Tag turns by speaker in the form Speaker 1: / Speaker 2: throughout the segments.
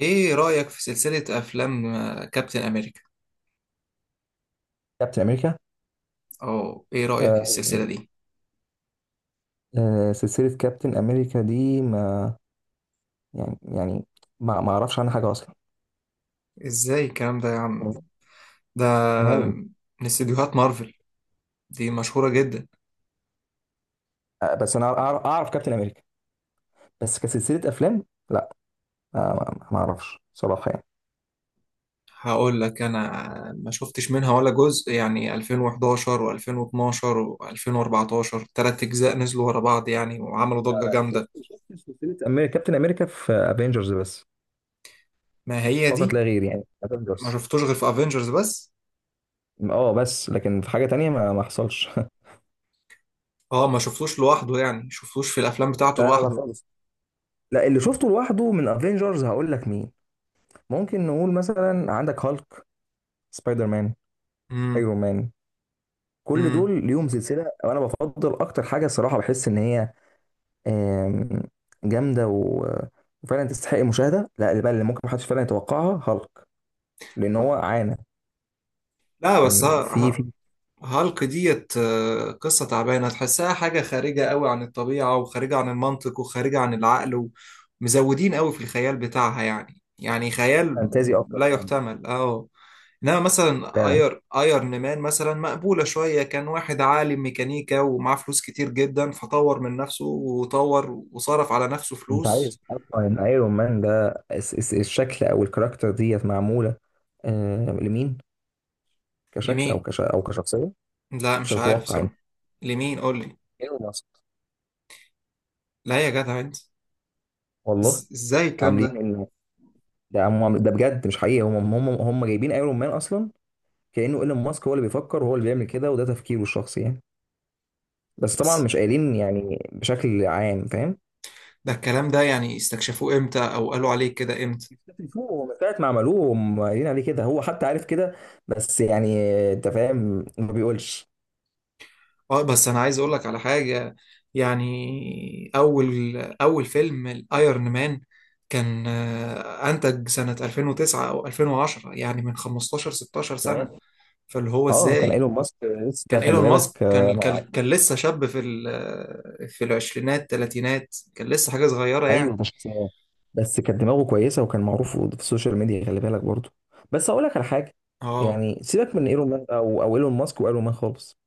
Speaker 1: ايه رأيك في سلسلة افلام كابتن امريكا؟
Speaker 2: كابتن امريكا.
Speaker 1: او ايه رأيك في
Speaker 2: آه
Speaker 1: السلسلة دي؟
Speaker 2: آه، سلسله كابتن امريكا دي، ما يعني ما اعرفش عنها حاجه اصلا،
Speaker 1: ازاي الكلام ده يا عم؟ ده
Speaker 2: نهائي.
Speaker 1: من استديوهات مارفل، دي مشهورة جدا.
Speaker 2: آه بس انا أعرف كابتن امريكا، بس كسلسله افلام. لا. آه ما اعرفش صراحه يعني.
Speaker 1: هقول لك انا، ما شفتش منها ولا جزء، يعني 2011 و2012 و2014، تلات اجزاء نزلوا ورا بعض يعني وعملوا ضجة جامدة.
Speaker 2: شفت سلسله امريكا كابتن امريكا في افنجرز بس،
Speaker 1: ما هي
Speaker 2: فقط
Speaker 1: دي.
Speaker 2: لا غير، يعني
Speaker 1: ما
Speaker 2: افنجرز.
Speaker 1: شفتوش غير في افنجرز بس.
Speaker 2: اه بس لكن في حاجه تانية ما حصلش.
Speaker 1: اه، ما شفتوش لوحده، يعني شفتوش في الافلام بتاعته
Speaker 2: لا لا لا
Speaker 1: لوحده.
Speaker 2: خالص. لا، اللي شفته لوحده من افنجرز هقول لك مين. ممكن نقول مثلا عندك هالك، سبايدر مان،
Speaker 1: امم.
Speaker 2: ايرون مان. كل
Speaker 1: امم.
Speaker 2: دول ليهم سلسله، وانا بفضل اكتر حاجه الصراحه بحس ان هي آم، جامده وفعلا تستحق المشاهده. لا اللي بقى اللي ممكن محدش فعلا يتوقعها هالك، لان هو عانى.
Speaker 1: لا بس
Speaker 2: كان في
Speaker 1: ها،
Speaker 2: في
Speaker 1: هالك ديت قصة تعبانة، تحسها حاجة خارجة قوي عن الطبيعة وخارجة عن المنطق وخارجة عن العقل. ومزودين قوي في الخيال بتاعها، يعني خيال
Speaker 2: فانتازي اكتر
Speaker 1: لا
Speaker 2: فعلا.
Speaker 1: يحتمل. اه، انما مثلا
Speaker 2: فعلا.
Speaker 1: ايرن مان مثلا مقبولة شوية، كان واحد عالم ميكانيكا ومعاه فلوس كتير جدا، فطور من نفسه وطور وصرف على نفسه
Speaker 2: انت عايز
Speaker 1: فلوس.
Speaker 2: اصلا ان ايرون مان ده الشكل او الكاركتر ديت معموله لمين؟ كشكل او
Speaker 1: لمين؟
Speaker 2: كش او كشخصيه.
Speaker 1: لا
Speaker 2: مش
Speaker 1: مش عارف
Speaker 2: هتتوقع انت.
Speaker 1: صراحة. لمين؟ قول لي.
Speaker 2: ايلون ماسك.
Speaker 1: لا يا جدع انت.
Speaker 2: والله.
Speaker 1: ازاي الكلام
Speaker 2: عاملين
Speaker 1: ده؟
Speaker 2: ان ده، هم ده بجد مش حقيقي، هم جايبين ايرون مان اصلا كأنه ايلون ماسك هو اللي بيفكر وهو اللي بيعمل كده، وده تفكيره الشخصي يعني. بس طبعا
Speaker 1: بس
Speaker 2: مش قايلين يعني بشكل عام، فاهم.
Speaker 1: ده الكلام ده يعني استكشفوه امتى او قالوا عليه كده امتى؟
Speaker 2: بشكل فوق، هو من ساعة ما عملوه هم قايلين عليه كده، هو حتى عارف كده. بس يعني انت فاهم ما بيقولش.
Speaker 1: اه، بس انا عايز اقول لك على حاجة. يعني اول اول فيلم الايرون مان كان انتج سنة 2009 او 2010، يعني من 15 16 سنة.
Speaker 2: تمام
Speaker 1: فاللي هو
Speaker 2: اه. كان
Speaker 1: ازاي؟
Speaker 2: ايلون ماسك لسه ده
Speaker 1: كان
Speaker 2: خلي
Speaker 1: ايلون ماسك
Speaker 2: بالك
Speaker 1: كان كان كان لسه شاب في في العشرينات تلاتينات، كان لسه حاجة صغيرة
Speaker 2: ايوه
Speaker 1: يعني.
Speaker 2: مش. بس كانت دماغه كويسه وكان معروف في السوشيال ميديا خلي بالك برضه. بس هقول لك على حاجه،
Speaker 1: اه.
Speaker 2: يعني سيبك من ايلون ماسك او ايلون ماسك وايلون مان خالص.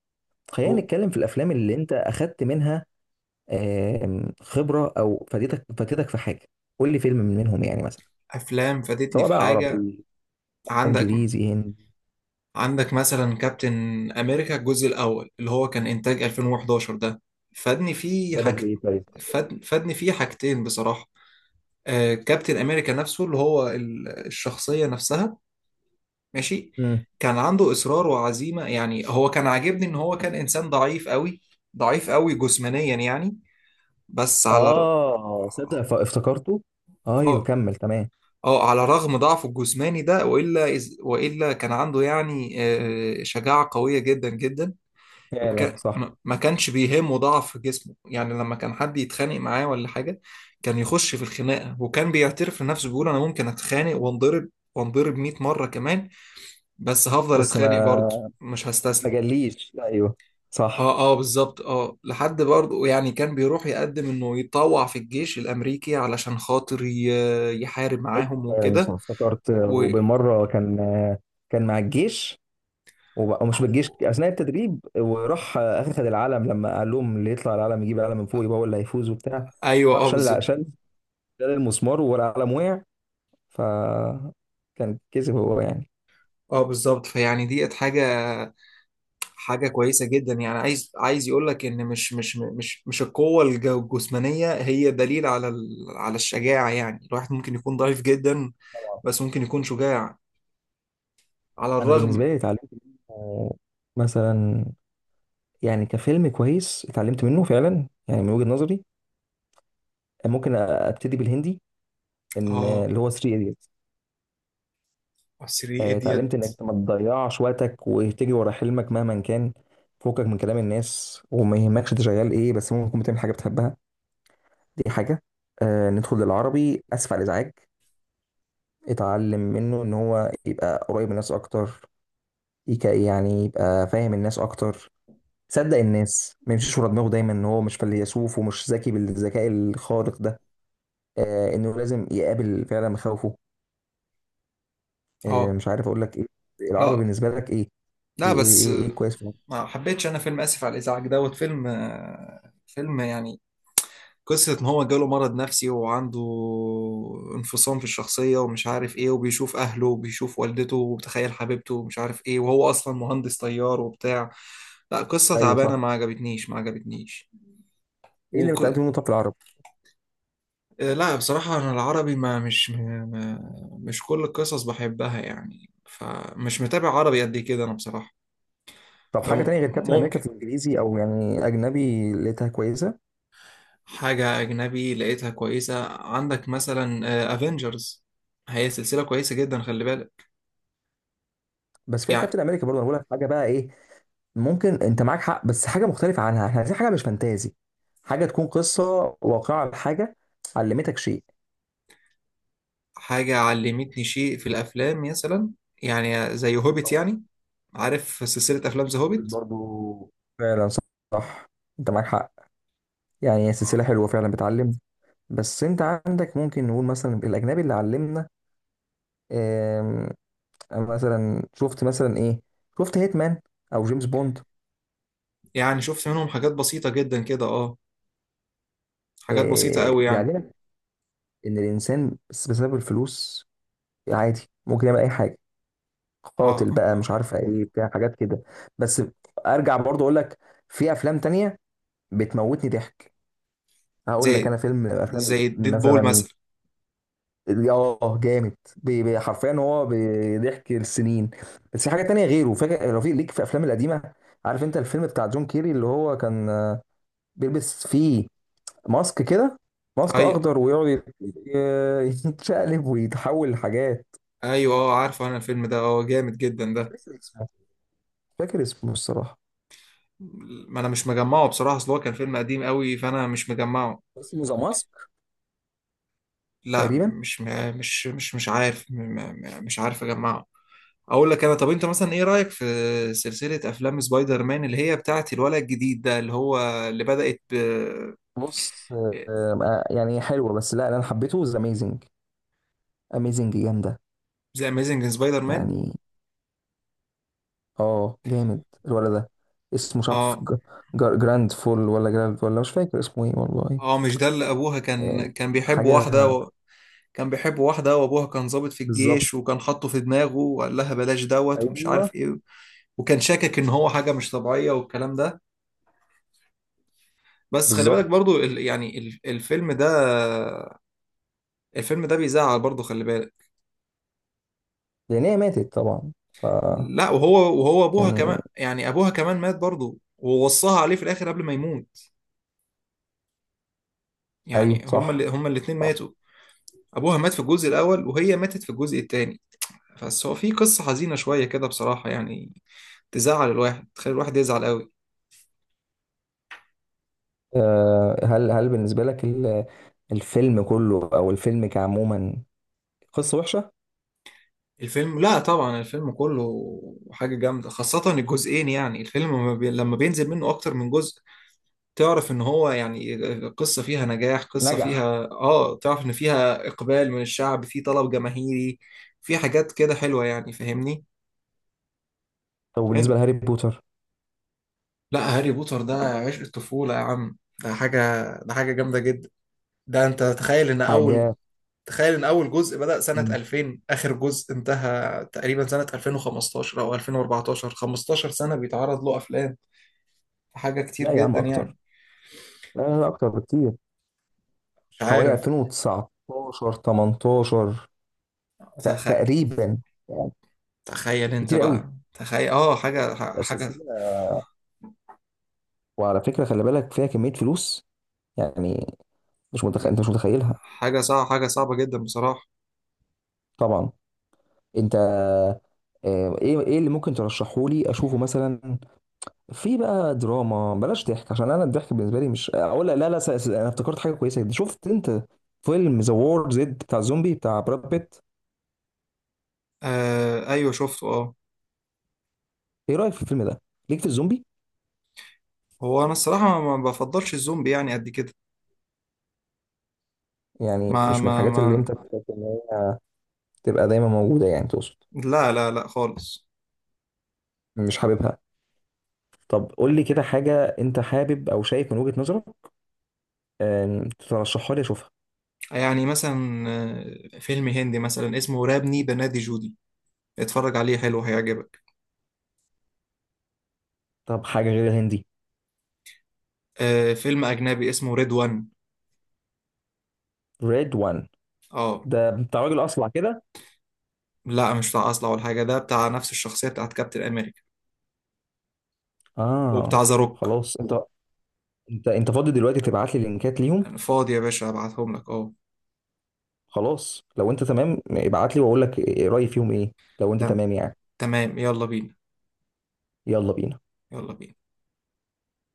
Speaker 2: خلينا
Speaker 1: هو
Speaker 2: نتكلم في الافلام اللي انت اخدت منها خبرة أو فادتك في حاجة. قول لي فيلم من منهم يعني، مثلا
Speaker 1: افلام فادتني
Speaker 2: سواء
Speaker 1: في
Speaker 2: بقى
Speaker 1: حاجة؟
Speaker 2: عربي،
Speaker 1: عندك
Speaker 2: إنجليزي، هندي.
Speaker 1: عندك مثلا كابتن امريكا الجزء الاول اللي هو كان انتاج 2011 ده، فادني فيه
Speaker 2: فادك
Speaker 1: حاج.
Speaker 2: بإيه طيب؟
Speaker 1: فادني فيه حاجتين بصراحه. آه، كابتن امريكا نفسه اللي هو الشخصيه نفسها، ماشي،
Speaker 2: مم.
Speaker 1: كان عنده اصرار وعزيمه. يعني هو كان عاجبني ان هو كان انسان ضعيف قوي، ضعيف قوي جسمانيا يعني. بس على ر...
Speaker 2: آه صدق افتكرته. أيوه
Speaker 1: اه،
Speaker 2: كمل. تمام.
Speaker 1: اه على رغم ضعفه الجسماني ده، والا كان عنده يعني آه شجاعه قويه جدا جدا. ما
Speaker 2: فعلا
Speaker 1: كا-
Speaker 2: صح.
Speaker 1: ما- ما كانش بيهمه ضعف جسمه، يعني لما كان حد يتخانق معاه ولا حاجة كان يخش في الخناقة، وكان بيعترف لنفسه بيقول أنا ممكن أتخانق وانضرب، وانضرب 100 مرة كمان، بس هفضل
Speaker 2: بس
Speaker 1: أتخانق
Speaker 2: ما
Speaker 1: برضه مش
Speaker 2: ما
Speaker 1: هستسلم.
Speaker 2: جاليش. أيوه صح.
Speaker 1: اه، اه بالظبط، اه، لحد برضه يعني كان بيروح يقدم انه يتطوع في الجيش الامريكي علشان خاطر يحارب
Speaker 2: أيوه
Speaker 1: معاهم
Speaker 2: فعلا صح
Speaker 1: وكده.
Speaker 2: افتكرت،
Speaker 1: و...
Speaker 2: وبالمرة كان كان مع الجيش ومش بالجيش أثناء التدريب، وراح أخذ العلم لما قال لهم اللي يطلع العلم يجيب العلم من فوق يبقى هو اللي هيفوز وبتاع.
Speaker 1: ايوه،
Speaker 2: راح
Speaker 1: اه
Speaker 2: شال
Speaker 1: بالظبط.
Speaker 2: شال المسمار والقلم وقع. ف كان كسب هو يعني.
Speaker 1: اه بالظبط، فيعني ديت حاجة كويسة جدا. يعني عايز يقول لك ان مش القوة الجسمانية هي دليل على على الشجاعة. يعني الواحد ممكن يكون ضعيف جدا
Speaker 2: طبعا.
Speaker 1: بس ممكن يكون شجاع على
Speaker 2: انا بالنسبه
Speaker 1: الرغم.
Speaker 2: لي اتعلمت منه مثلا، يعني كفيلم كويس اتعلمت منه فعلا يعني، من وجهه نظري. ممكن ابتدي بالهندي ان
Speaker 1: اه،
Speaker 2: اللي هو 3 ايديتس.
Speaker 1: سري
Speaker 2: اتعلمت
Speaker 1: اديت.
Speaker 2: انك ما تضيعش وقتك وتجري ورا حلمك مهما كان فوقك من كلام الناس، وما يهمكش انت شغال ايه، بس ممكن تكون بتعمل حاجه بتحبها. دي حاجه. آه ندخل للعربي، اسف على الازعاج. اتعلم منه ان هو يبقى قريب من الناس اكتر، يعني يبقى فاهم الناس اكتر، صدق الناس، ما يمشيش ورا دماغه دايما ان هو مش فيلسوف ومش ذكي بالذكاء الخارق ده. آه انه لازم يقابل فعلا مخاوفه. آه
Speaker 1: اه،
Speaker 2: مش عارف اقول لك ايه. العربي
Speaker 1: لا،
Speaker 2: بالنسبه لك ايه؟
Speaker 1: لا، بس
Speaker 2: إيه كويس فيه؟
Speaker 1: ما حبيتش انا فيلم اسف على الازعاج دوت، فيلم فيلم يعني قصة إن هو جاله مرض نفسي وعنده انفصام في الشخصية، ومش عارف إيه، وبيشوف أهله وبيشوف والدته وبتخيل حبيبته ومش عارف إيه، وهو أصلا مهندس طيار وبتاع. لا، قصة
Speaker 2: ايوه
Speaker 1: تعبانة،
Speaker 2: صح.
Speaker 1: ما عجبتنيش، ما عجبتنيش.
Speaker 2: ايه اللي
Speaker 1: وك...
Speaker 2: اتعلمت منه طب في العربي؟
Speaker 1: آه، لا بصراحة أنا العربي ما مش ما... ما- مش كل القصص بحبها، يعني فمش متابع عربي قد كده أنا بصراحة.
Speaker 2: طب حاجه تانية غير كابتن امريكا
Speaker 1: فممكن
Speaker 2: في الانجليزي او يعني اجنبي لقيتها كويسه.
Speaker 1: حاجة أجنبي لقيتها كويسة. عندك مثلا أفينجرز، هي سلسلة كويسة جدا، خلي بالك.
Speaker 2: بس فيها
Speaker 1: يعني
Speaker 2: كابتن امريكا برضه، انا بقول لك حاجه بقى ايه. ممكن انت معاك حق بس حاجه مختلفه عنها، احنا عايزين حاجه مش فانتازي، حاجه تكون قصه واقعه لحاجه علمتك شيء.
Speaker 1: حاجة علمتني شيء في الأفلام مثلا، يعني زي هوبيت، يعني عارف سلسلة أفلام ذا هوبيت.
Speaker 2: برضه فعلا صح، انت معاك حق، يعني هي سلسله
Speaker 1: آه.
Speaker 2: حلوه فعلا بتعلم. بس انت عندك، ممكن نقول مثلا الاجنبي اللي علمنا آم، أنا مثلا شفت مثلا ايه، شفت هيتمان او جيمس بوند.
Speaker 1: يعني شفت منهم حاجات بسيطة جدا كده، اه، حاجات بسيطة قوي يعني.
Speaker 2: بيعلمك ان الانسان بس بسبب الفلوس عادي ممكن يعمل اي حاجه،
Speaker 1: اه،
Speaker 2: قاتل بقى مش عارف ايه بتاع حاجات كده. بس ارجع برضه اقول لك في افلام تانية بتموتني ضحك. هقول لك
Speaker 1: زي
Speaker 2: انا فيلم افلام
Speaker 1: زي ديد بول
Speaker 2: مثلا.
Speaker 1: مثلا.
Speaker 2: اه جامد حرفيا هو بيضحك السنين. بس في حاجه تانية غيره، فاكر رفيق ليك في الافلام القديمه. عارف انت الفيلم بتاع جون كيري اللي هو كان بيلبس فيه ماسك كده، ماسك
Speaker 1: أي
Speaker 2: اخضر، ويقعد يتشقلب ويتحول لحاجات.
Speaker 1: أيوه، اه عارفه أنا الفيلم ده، اه جامد جدا ده.
Speaker 2: مش فاكر اسمه. مش فاكر اسمه الصراحه.
Speaker 1: ما أنا مش مجمعه بصراحة، أصل هو كان فيلم قديم قوي فأنا مش مجمعه.
Speaker 2: اسمه ذا ماسك
Speaker 1: لا،
Speaker 2: تقريبا.
Speaker 1: مش عارف، مش عارف اجمعه. اقول لك انا، طب انت مثلا ايه رايك في سلسله افلام سبايدر مان اللي هي بتاعت الولد الجديد ده اللي هو اللي بدات ب؟
Speaker 2: بص يعني حلوه بس، لا انا حبيته ذا اميزنج. اميزنج جامده
Speaker 1: ذا اميزنج سبايدر مان.
Speaker 2: يعني. اه جامد الولد ده. اسمه مش عارف
Speaker 1: اه،
Speaker 2: جراند فول ولا جراند، ولا مش فاكر اسمه ايه والله.
Speaker 1: اه مش ده اللي ابوها
Speaker 2: إيه،
Speaker 1: كان بيحب
Speaker 2: حاجة
Speaker 1: واحده كان بيحب واحده وابوها كان ضابط في
Speaker 2: بالظبط.
Speaker 1: الجيش، وكان حاطه في دماغه وقال لها بلاش دوت ومش
Speaker 2: ايوه
Speaker 1: عارف ايه. وكان شاكك ان هو حاجه مش طبيعيه والكلام ده. بس خلي بالك
Speaker 2: بالظبط.
Speaker 1: برضو الفيلم ده، الفيلم ده بيزعل برضه، خلي بالك.
Speaker 2: لان هي ماتت طبعا، فكان.
Speaker 1: لا، وهو ابوها كمان، يعني ابوها كمان مات برضه ووصاها عليه في الاخر قبل ما يموت.
Speaker 2: ايوه
Speaker 1: يعني هما
Speaker 2: صح.
Speaker 1: اللي هما الاتنين
Speaker 2: صح.
Speaker 1: ماتوا. ابوها مات في الجزء الاول وهي ماتت في الجزء التاني. بس هو في قصة حزينة شوية كده بصراحة يعني، تزعل الواحد، تخلي الواحد يزعل قوي.
Speaker 2: هل بالنسبة لك الفيلم كله او الفيلم كعموما قصة وحشة؟
Speaker 1: الفيلم؟ لا طبعا الفيلم كله حاجة جامدة، خاصة الجزئين. يعني الفيلم لما لما بينزل منه اكتر من جزء، تعرف ان هو يعني قصة فيها نجاح، قصة
Speaker 2: نجح.
Speaker 1: فيها اه تعرف ان فيها اقبال من الشعب، في طلب جماهيري في حاجات كده حلوة يعني، فاهمني؟
Speaker 2: طب بالنسبة
Speaker 1: عن-
Speaker 2: لهاري بوتر.
Speaker 1: لا، هاري بوتر ده عشق الطفولة يا عم، ده حاجة، ده حاجة جامدة جدا. ده انت تخيل ان
Speaker 2: حاجة.
Speaker 1: اول جزء بدأ سنة
Speaker 2: مم.
Speaker 1: 2000، اخر جزء انتهى تقريبا سنة 2015 او 2014، 15 سنة بيتعرض له افلام. حاجة كتير
Speaker 2: لا يا عم
Speaker 1: جدا
Speaker 2: اكتر.
Speaker 1: يعني.
Speaker 2: لا لا لا، اكتر بكتير،
Speaker 1: مش
Speaker 2: حوالي
Speaker 1: عارف.
Speaker 2: 2019 18
Speaker 1: تخ...
Speaker 2: تقريبا يعني.
Speaker 1: تخيل انت
Speaker 2: كتير قوي
Speaker 1: بقى، تخيل اه. حاجة
Speaker 2: الأساسية. وعلى فكرة خلي بالك فيها كمية فلوس يعني، مش متخ،
Speaker 1: حاجة
Speaker 2: انت مش متخيلها.
Speaker 1: حاجة صعبة، حاجة صعبة جدا بصراحة.
Speaker 2: طبعا. انت ايه اللي ممكن ترشحه لي اشوفه مثلا، في بقى دراما، بلاش ضحك عشان انا الضحك بالنسبة لي مش اقول لا. لا انا افتكرت حاجة كويسة جدا. شفت انت فيلم ذا وور زد بتاع الزومبي بتاع براد بيت؟
Speaker 1: آه أيوه شفته أه.
Speaker 2: ايه رأيك في الفيلم ده، ليك في الزومبي؟
Speaker 1: هو أنا الصراحة ما بفضلش الزومبي يعني قد كده.
Speaker 2: يعني
Speaker 1: ما
Speaker 2: مش من
Speaker 1: ما
Speaker 2: الحاجات
Speaker 1: ما
Speaker 2: اللي انت بتبقى دايما موجودة، يعني تقصد
Speaker 1: لا، لا، لا خالص.
Speaker 2: مش حاببها؟ طب قول لي كده حاجة أنت حابب أو شايف من وجهة نظرك ترشحها لي أشوفها.
Speaker 1: يعني مثلا آه، فيلم هندي مثلا اسمه رابني بنادي جودي، اتفرج عليه حلو هيعجبك.
Speaker 2: طب حاجة غير الهندي.
Speaker 1: آه، فيلم أجنبي اسمه ريد وان.
Speaker 2: ريد وان.
Speaker 1: أه.
Speaker 2: ده بتاع راجل أصلع كده.
Speaker 1: لا مش بتاع أصلع ولا حاجة، ده بتاع نفس الشخصية بتاعت كابتن أمريكا وبتاع
Speaker 2: آه.
Speaker 1: ذا روك.
Speaker 2: خلاص أنت فاضي دلوقتي تبعت لي لينكات ليهم؟
Speaker 1: أنا فاضي يا باشا، أبعتهم لك أه.
Speaker 2: خلاص لو أنت تمام، ابعت لي وأقول لك رأيي فيهم إيه. لو أنت
Speaker 1: تم-
Speaker 2: تمام يعني.
Speaker 1: تمام، يلا بينا.
Speaker 2: يلا بينا.
Speaker 1: يلا بينا.